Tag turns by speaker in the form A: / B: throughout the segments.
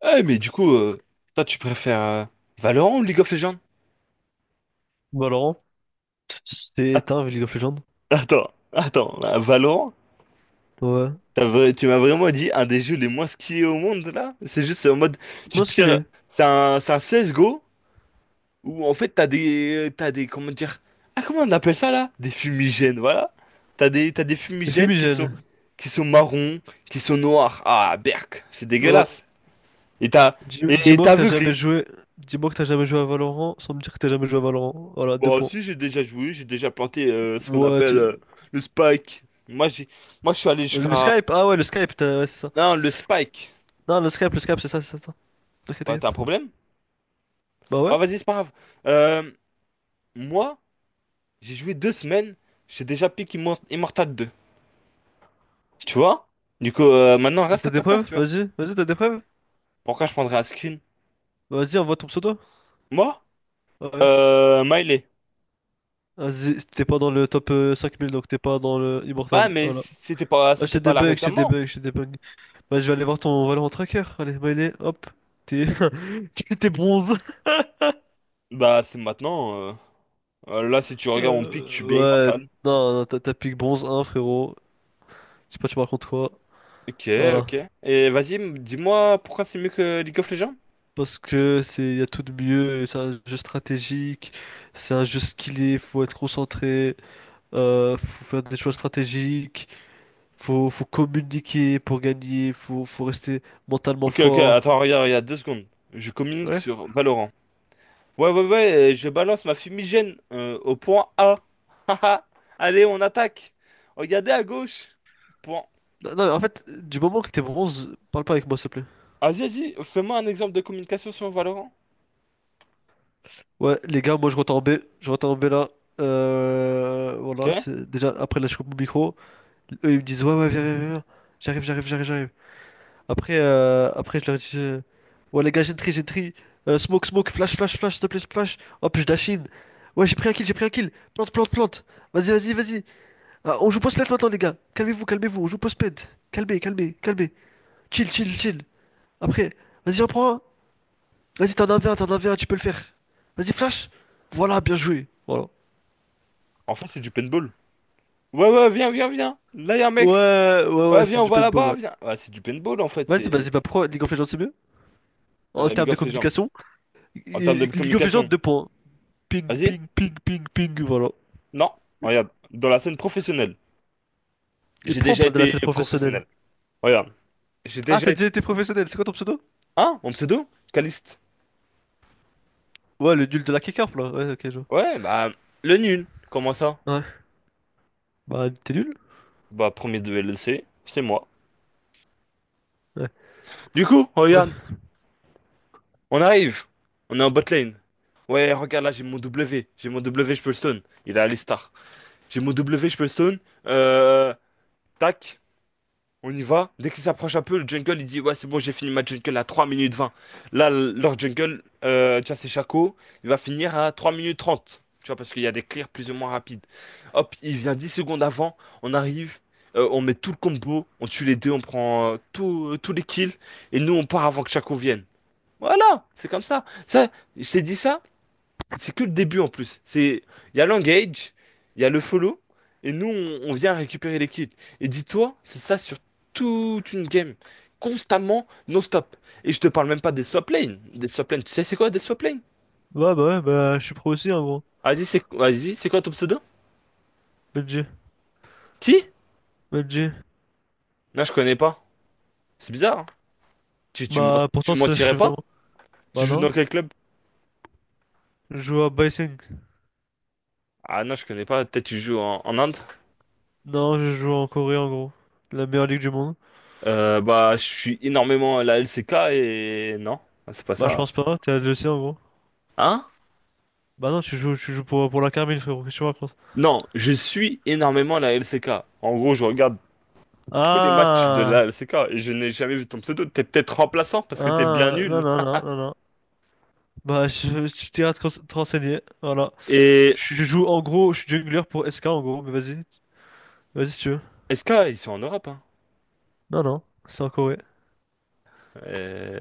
A: Ah, mais du coup, toi, tu préfères Valorant ou League of Legends?
B: Valorant. C'est
A: Att-
B: un League of Legends.
A: Attends, attends, là, Valorant,
B: Ouais.
A: tu m'as vraiment dit un des jeux les moins skiés au monde là? C'est juste en mode, tu
B: Moi, ce qu'il
A: tires,
B: est,
A: c'est un CSGO où en fait t'as des, comment dire, ah comment on appelle ça là? Des fumigènes, voilà. T'as des
B: c'est
A: fumigènes qui sont,
B: fumigène.
A: qui sont marrons, qui sont noirs. Ah, berk, c'est
B: Ouais.
A: dégueulasse. Et t'as, et t'es
B: Dis-moi que t'as jamais
A: aveuglé.
B: joué. Dis-moi que t'as jamais joué à Valorant sans me dire que t'as jamais joué à Valorant. Voilà, deux
A: Bon,
B: points.
A: si j'ai déjà joué, j'ai déjà planté ce qu'on
B: Ouais,
A: appelle le spike. Moi, je suis allé
B: Le
A: jusqu'à.
B: Skype, ah ouais, le Skype, ouais, c'est ça.
A: Non, le spike.
B: Non, le Skype, c'est ça, c'est ça. T'inquiète,
A: Bah,
B: t'inquiète.
A: t'as un problème?
B: Bah
A: Bah,
B: ouais.
A: vas-y, c'est pas grave. Euh, moi, j'ai joué 2 semaines, j'ai déjà pick Immortal deux. Tu vois? Du coup, maintenant, reste à
B: T'as des
A: ta place,
B: preuves?
A: tu vois.
B: Vas-y, vas-y, t'as des preuves?
A: Pourquoi je prendrais un screen?
B: Vas-y, envoie ton pseudo.
A: Moi?
B: Ah ouais.
A: Miley.
B: Vas-y, t'es pas dans le top 5000, donc t'es pas dans le
A: Bah,
B: Immortal.
A: mais
B: Voilà. Ah,
A: c'était
B: j'ai
A: pas
B: des
A: là
B: bugs, j'ai des
A: récemment.
B: bugs, j'ai des bugs. Bah, je vais aller voir ton volant tracker. Allez, Maïné, hop. T'es t'es bronze.
A: Bah, c'est maintenant. Là, si tu regardes mon pick, je suis bien
B: Euh, ouais,
A: Immortal.
B: non, non, t'as pique bronze un frérot. Je sais pas, tu me racontes quoi.
A: Ok,
B: Voilà.
A: ok. Et vas-y, dis-moi pourquoi c'est mieux que League of Legends?
B: Parce que c'est, y a tout de mieux. C'est un jeu stratégique. C'est un jeu skillé. Faut être concentré. Faut faire des choix stratégiques. Faut communiquer pour gagner. Faut rester mentalement
A: Ok, ok,
B: fort.
A: attends, regarde, regarde, 2 secondes. Je communique
B: Ouais.
A: sur Valorant. Ouais, ouais, ouais, je balance ma fumigène au point A. Haha. Allez, on attaque. Regardez à gauche. Point.
B: Non, non, en fait, du moment que t'es bronze, parle pas avec moi, s'il te plaît.
A: Vas-y, vas-y, fais-moi un exemple de communication sur Valorant.
B: Ouais, les gars, moi je rentre en B. Je rentre en B là. Voilà,
A: Ok.
B: c'est déjà après là je coupe mon micro. Eux ils me disent ouais, ouais, viens, viens, viens. J'arrive, j'arrive, j'arrive, j'arrive. Après, après je leur dis ouais, les gars, j'ai une tri, j'ai une tri. Smoke, smoke, flash, flash, flash, s'il te plaît, flash. Hop, je dash in. Ouais, j'ai pris un kill, j'ai pris un kill. Plante, plante, plante. Vas-y, vas-y, vas-y. Ah, on joue post-ped maintenant, les gars. Calmez-vous, calmez-vous. On joue post-ped. Calmez, calmez, calmez. Chill, chill, chill. Après, vas-y, en prends un. Vas-y, t'en as un, v un t'en as un, v un tu peux le faire. Vas-y, flash. Voilà, bien joué. Voilà.
A: En fait, c'est du paintball. Ouais, ouais, viens, viens, viens. Là, y a un mec.
B: Ouais, ouais, ouais,
A: Ouais, viens,
B: c'est
A: on
B: du
A: va
B: paintball,
A: là-bas,
B: ouais.
A: viens. Ouais, c'est du paintball, en fait.
B: Vas-y, bah,
A: C'est...
B: c'est pas pourquoi League of Legends c'est mieux?
A: Ah, y
B: En
A: a League
B: termes de
A: of Legends.
B: communication,
A: En termes de
B: League of Legends,
A: communication.
B: deux points. Ping,
A: Vas-y.
B: ping, ping, ping, ping, voilà.
A: Non. Regarde, dans la scène professionnelle.
B: Et
A: J'ai
B: pourquoi on
A: déjà
B: parle de la
A: été
B: scène professionnelle?
A: professionnel. Regarde. J'ai
B: Ah,
A: déjà.
B: t'as déjà été professionnel, c'est quoi ton pseudo?
A: Ah, en pseudo? Caliste.
B: Ouais, le nul de la K-Carp, là. Ouais, ok, je vois.
A: Ouais, bah, le nul. Comment ça?
B: Ouais. Bah, t'es nul?
A: Bah, premier de LEC, c'est moi.
B: Ouais.
A: Du coup, regarde,
B: Ouais.
A: on arrive. On est en bot lane. Ouais, regarde là, j'ai mon W. J'ai mon W, je peux le stun. Il est à l'Istar. J'ai mon W, je peux le stun. Euh, tac. On y va. Dès qu'il s'approche un peu, le jungle, il dit, ouais, c'est bon, j'ai fini ma jungle à 3 minutes 20. Là, leur jungle, tu vois, c'est Shaco, il va finir à 3 minutes 30. Tu vois, parce qu'il y a des clears plus ou moins rapides. Hop, il vient 10 secondes avant, on arrive, on met tout le combo, on tue les deux, on prend tous les kills, et nous, on part avant que Shaco vienne. Voilà, c'est comme ça. Ça, je t'ai dit ça, c'est que le début en plus. Il y a l'engage, il y a le follow, et nous, on vient récupérer les kills. Et dis-toi, c'est ça sur toute une game. Constamment, non-stop. Et je te parle même pas des swap lanes. Des swap lanes, tu sais c'est quoi des swap lanes?
B: Ouais, bah, je suis pro aussi, hein, gros.
A: Vas-y, c'est quoi ton pseudo?
B: BG,
A: Qui?
B: BG.
A: Non, je connais pas. C'est bizarre, hein. Tu, tu, mens-
B: Bah, pourtant,
A: tu
B: ça, je
A: mentirais
B: suis vraiment.
A: pas? Tu
B: Bah,
A: joues
B: non.
A: dans quel club?
B: Je joue à Bysing.
A: Ah non, je connais pas. Peut-être tu joues en Inde?
B: Non, je joue en Corée, en gros. La meilleure ligue du monde.
A: Bah, je suis énormément à la LCK et... Non, c'est pas
B: Bah, je
A: ça.
B: pense pas, t'es le sien, en gros.
A: Hein?
B: Bah non, tu joues pour la Carmine, frérot, qu'est-ce que tu me racontes?
A: Non, je suis énormément la LCK. En gros, je regarde tous les matchs de
B: Ah,
A: la LCK et je n'ai jamais vu ton pseudo. T'es peut-être remplaçant parce que t'es bien
B: ah, non,
A: nul.
B: non, non, non, non. Bah, je, tu t'iras te te renseigner, voilà.
A: Et
B: Je joue, en gros, je suis jungler pour SK, en gros, mais vas-y, vas-y si tu veux.
A: SK, ils sont en Europe, hein.
B: Non, non, c'est en Corée.
A: Euh,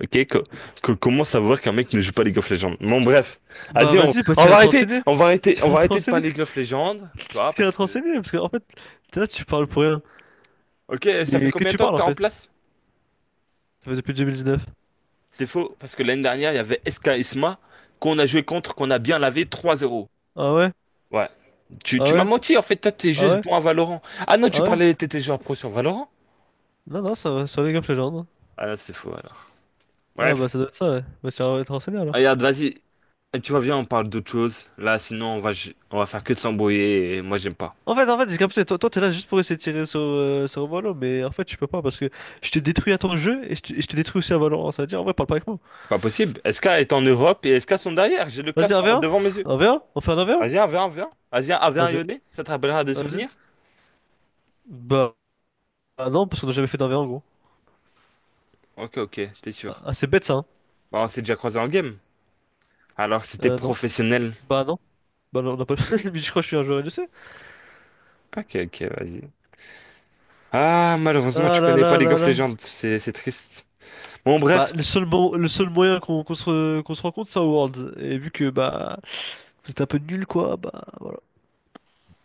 A: Ok, comment savoir qu'un mec ne joue pas League of Legends? Bon, bref.
B: Bah
A: Vas-y,
B: vas-y, bah
A: on va arrêter, on va arrêter, on
B: t'iras
A: va
B: te
A: arrêter de
B: renseigner,
A: parler League of Legends, tu vois,
B: t'iras
A: parce
B: te
A: que...
B: renseigner, parce que en fait, t'es là, tu parles pour rien.
A: Ok, ça fait
B: Mais que
A: combien de
B: tu
A: temps que
B: parles,
A: t'es
B: en
A: en
B: fait?
A: place?
B: Ça fait depuis 2019.
A: C'est faux, parce que l'année dernière, il y avait SK Isma qu'on a joué contre, qu'on a bien lavé 3-0.
B: Ah ouais?
A: Ouais. Tu,
B: Ah
A: tu m'as
B: ouais?
A: menti, en fait, toi, t'es
B: Ah
A: juste
B: ouais?
A: bon à Valorant. Ah non, tu
B: Ah ouais?
A: parlais, t'étais joueur pro sur Valorant?
B: Non, non, ça va, sur League of Legends.
A: Ah là, c'est faux, alors.
B: Ah
A: Bref,
B: bah ça doit être ça, ouais. Bah t'iras te renseigner, alors.
A: regarde, vas-y. Et tu vois, viens, on parle d'autre chose. Là, sinon, on va faire que de s'embrouiller et moi, j'aime pas.
B: En fait, j'ai capté, toi, toi, t'es là juste pour essayer de tirer sur, sur Valorant, mais en fait, tu peux pas parce que je te détruis à ton jeu et et je te détruis aussi à Valorant. Ça veut dire, en vrai, parle pas avec moi.
A: Pas possible. SK est en Europe et SK sont derrière. J'ai le
B: Vas-y,
A: classement
B: 1v1?
A: devant mes yeux.
B: 1v1? On fait un 1v1?
A: Vas-y, viens, viens, viens. Vas-y, viens, viens,
B: Vas-y,
A: Yoné. Ça te rappellera des
B: vas-y.
A: souvenirs?
B: Bah, bah non, parce qu'on a jamais fait d'1v1 gros.
A: Ok, ok, t'es sûr.
B: Ah, c'est bête ça, hein?
A: Bah, on s'est déjà croisé en game. Alors, c'était
B: Non.
A: professionnel.
B: Bah non. Bah non, on n'a pas. Mais je crois que je suis un joueur LEC.
A: Ok, ok, vas-y. Ah, malheureusement,
B: Ah
A: tu
B: là
A: connais pas
B: là
A: League
B: là
A: of
B: là.
A: Legends. C'est triste. Bon,
B: Bah,
A: bref.
B: le seul, le seul moyen qu'on se rencontre, c'est à Worlds. Et vu que, bah, vous êtes un peu nul, quoi, bah, voilà.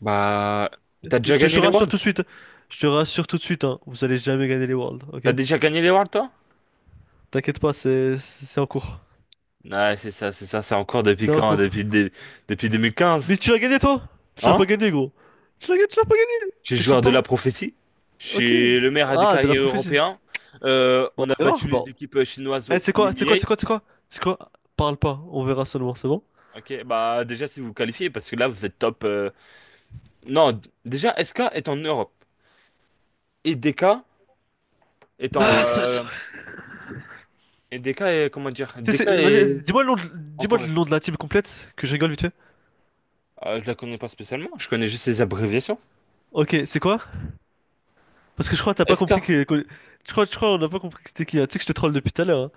A: Bah, t'as déjà
B: Je
A: gagné
B: te
A: les
B: rassure tout de
A: Worlds?
B: suite. Je te rassure tout de suite, hein. Vous allez jamais gagner les Worlds,
A: T'as
B: ok?
A: déjà gagné les Worlds, toi?
B: T'inquiète pas, c'est en cours.
A: Ouais, c'est ça, c'est ça, c'est encore depuis
B: C'est en
A: quand?
B: cours.
A: Depuis 2015.
B: Mais tu l'as gagné, toi? Tu l'as pas
A: Hein?
B: gagné, gros. Tu l'as gagné, tu l'as pas gagné.
A: J'ai
B: Qu'est-ce que tu me
A: joueur de la
B: parles?
A: prophétie. J'ai
B: Ok.
A: suis le meilleur des
B: Ah, de la
A: carrières
B: prophétie.
A: européens.
B: Bon,
A: On a
B: on verra.
A: battu les
B: Bon.
A: équipes chinoises
B: Eh,
A: au
B: c'est quoi? C'est quoi?
A: EMEA.
B: C'est quoi? C'est quoi? C'est quoi? Parle pas. On verra seulement, c'est bon?
A: Ok, bah déjà si vous vous qualifiez, parce que là vous êtes top. Non, déjà SK est en Europe. Et DK est en...
B: Ah, c'est vrai.
A: Et DK est... Comment dire? DK
B: Vas-y,
A: est en
B: dis-moi
A: Corée.
B: le nom de la team complète, que je rigole vite fait.
A: Je la connais pas spécialement, je connais juste ses abréviations.
B: Ok, c'est quoi? Parce que je crois que t'as pas
A: SK.
B: compris je crois, on n'a pas compris que c'était qui, hein. Tu sais que je te troll depuis tout à l'heure, hein.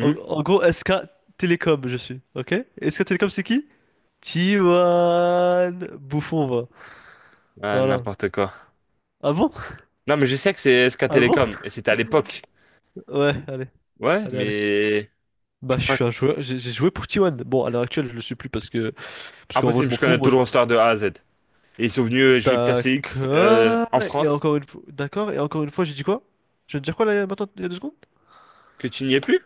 B: En gros, SK Telecom je suis. Ok? SK Telecom c'est qui? Tiwan Bouffon, va.
A: Ah,
B: Voilà.
A: n'importe quoi.
B: Ah bon?
A: Non, mais je sais que c'est SK
B: Ah bon?
A: Telecom, et c'était à l'époque.
B: Ouais, allez,
A: Ouais,
B: allez, allez.
A: mais je
B: Bah, je
A: crois que-
B: suis un joueur, j'ai joué pour t Tiwan. Bon, à l'heure actuelle, je le suis plus parce que, parce qu'en vrai, je
A: impossible,
B: m'en
A: je
B: fous.
A: connais
B: Moi,
A: tout le
B: je...
A: roster de A à Z. Et ils sont venus jouer le KCX
B: D'accord.
A: en
B: Et
A: France,
B: encore une fois, d'accord. Et encore une fois, j'ai dit quoi? Je viens de dire quoi là, maintenant, il y a deux secondes?
A: que tu n'y es plus?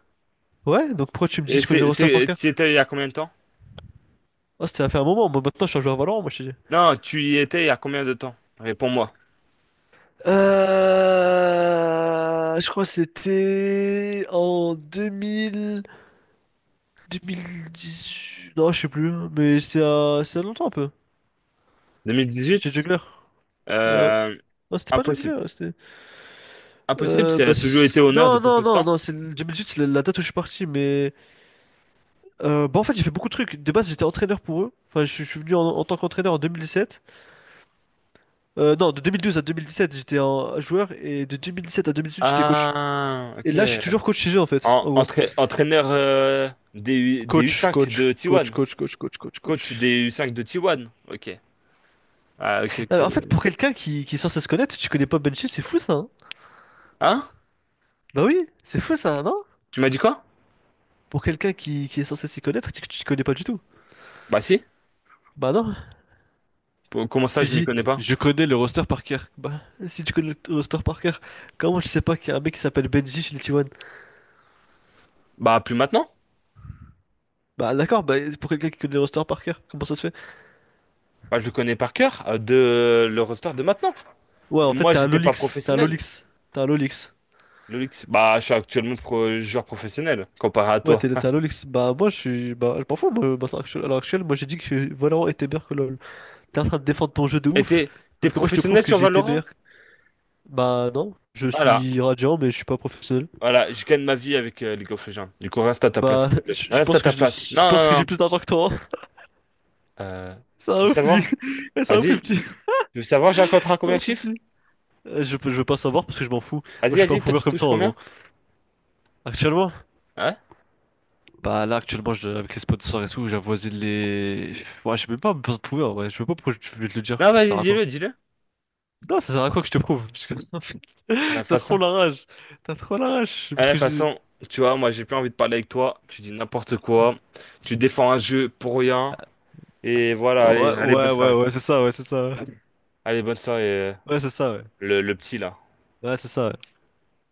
B: Ouais, donc pourquoi tu me dis que
A: Et
B: je connais le roster par cœur?
A: tu y étais il y a combien de temps?
B: Oh, c'était à faire un moment. Moi, maintenant, je suis un joueur Valorant, moi, je te dis.
A: Non, tu y étais il y a combien de temps? Réponds-moi.
B: Je crois que c'était en 2000, 2018. Non, je sais plus, mais c'était il y a longtemps un peu.
A: 2018?
B: J'étais jongleur. Et ouais.
A: Euh,
B: Non, c'était pas
A: impossible.
B: jongleur, c'était.
A: Impossible, ça a toujours été honneur
B: Non,
A: depuis
B: non,
A: tout ce
B: non,
A: temps.
B: non, c'est 2018, c'est la date où je suis parti, mais. Bah, en fait, j'ai fait beaucoup de trucs. De base, j'étais entraîneur pour eux. Enfin, je suis venu en tant qu'entraîneur en 2017. Non, de 2012 à 2017, j'étais un joueur, et de 2017 à 2018, j'étais coach.
A: Ah,
B: Et
A: ok.
B: là, je suis toujours coach chez eux, en fait,
A: En-
B: en gros.
A: entra- entraîneur des, U,
B: Coach,
A: 5
B: coach,
A: de
B: coach,
A: T1.
B: coach, coach, coach, coach,
A: Coach
B: coach.
A: des U5 de T1. Ok. Ah, ok,
B: Non, mais
A: ok,
B: en fait, pour
A: ouais.
B: quelqu'un qui est censé se connaître, tu connais pas Benji, c'est fou ça, hein.
A: Hein?
B: Bah oui, c'est fou ça, non?
A: Tu m'as dit quoi?
B: Pour quelqu'un qui est censé s'y connaître, tu connais pas du tout.
A: Bah si.
B: Bah non.
A: Comment ça,
B: Tu
A: je m'y
B: dis,
A: connais pas?
B: je connais le roster par cœur. Bah, si tu connais le roster par cœur, comment tu sais pas qu'il y a un mec qui s'appelle Benji chez les T1?
A: Bah plus maintenant.
B: Bah d'accord, bah pour quelqu'un qui connaît le roster par cœur, comment ça se fait?
A: Bah je le connais par cœur de le roster de maintenant.
B: Ouais, en
A: Et
B: fait,
A: moi,
B: t'es un
A: j'étais pas
B: Lolix, t'es un
A: professionnel.
B: Lolix, t'es un Lolix.
A: Le Lynx, bah je suis actuellement joueur professionnel comparé à
B: Ouais,
A: toi.
B: t'es un Lolix. Bah moi, je suis. Bah, je m'en fous, moi, maintenant, à l'heure actuelle, moi j'ai dit que Valorant était meilleur que LoL. T'es en train de défendre ton jeu de
A: Et
B: ouf,
A: t'es
B: sauf que moi je te prouve
A: professionnel
B: que
A: sur
B: j'ai été
A: Valorant?
B: meilleur. Bah non, je
A: Voilà,
B: suis radiant mais je suis pas professionnel.
A: voilà. Je gagne ma vie avec League of Legends. Du coup, reste à ta place, s'il te plaît.
B: Je
A: Reste à
B: pense que
A: ta place.
B: je
A: Non,
B: pense que
A: non,
B: j'ai
A: non.
B: plus d'argent que toi, hein.
A: Euh,
B: Ça
A: tu veux
B: un ouf lui.
A: savoir?
B: Eh, c'est un ouf le
A: Vas-y. Tu
B: petit.
A: veux savoir, j'ai un contrat à
B: C'est un
A: combien de
B: ouf le
A: chiffres?
B: petit. Je, je veux pas savoir parce que je m'en fous. Moi je
A: Vas-y,
B: suis pas un
A: vas-y. Toi,
B: prouveur
A: tu
B: comme
A: touches
B: ça en gros.
A: combien?
B: Actuellement?
A: Hein?
B: Bah là actuellement avec les sponsors et tout, j'avoisine les. Ouais j'ai même pas besoin de prouveur ouais. Je sais pas pourquoi je vais te le dire.
A: Non,
B: Ça
A: vas-y,
B: sert à quoi?
A: dis-le, dis-le.
B: Non ça sert à quoi que je te prouve? Parce que...
A: À la
B: T'as trop
A: façon.
B: la rage. T'as trop la rage.
A: Eh, de
B: Parce
A: toute
B: que j'ai...
A: façon, tu vois, moi j'ai plus envie de parler avec toi. Tu dis n'importe quoi. Tu défends un jeu pour rien. Et voilà, allez,
B: Ouais,
A: allez, bonne
B: ouais, ouais,
A: soirée.
B: ouais, c'est ça, ouais, c'est ça.
A: Allez, bonne soirée, euh,
B: Ouais, c'est ça, ouais.
A: le petit là.
B: Ouais, c'est ça, ouais.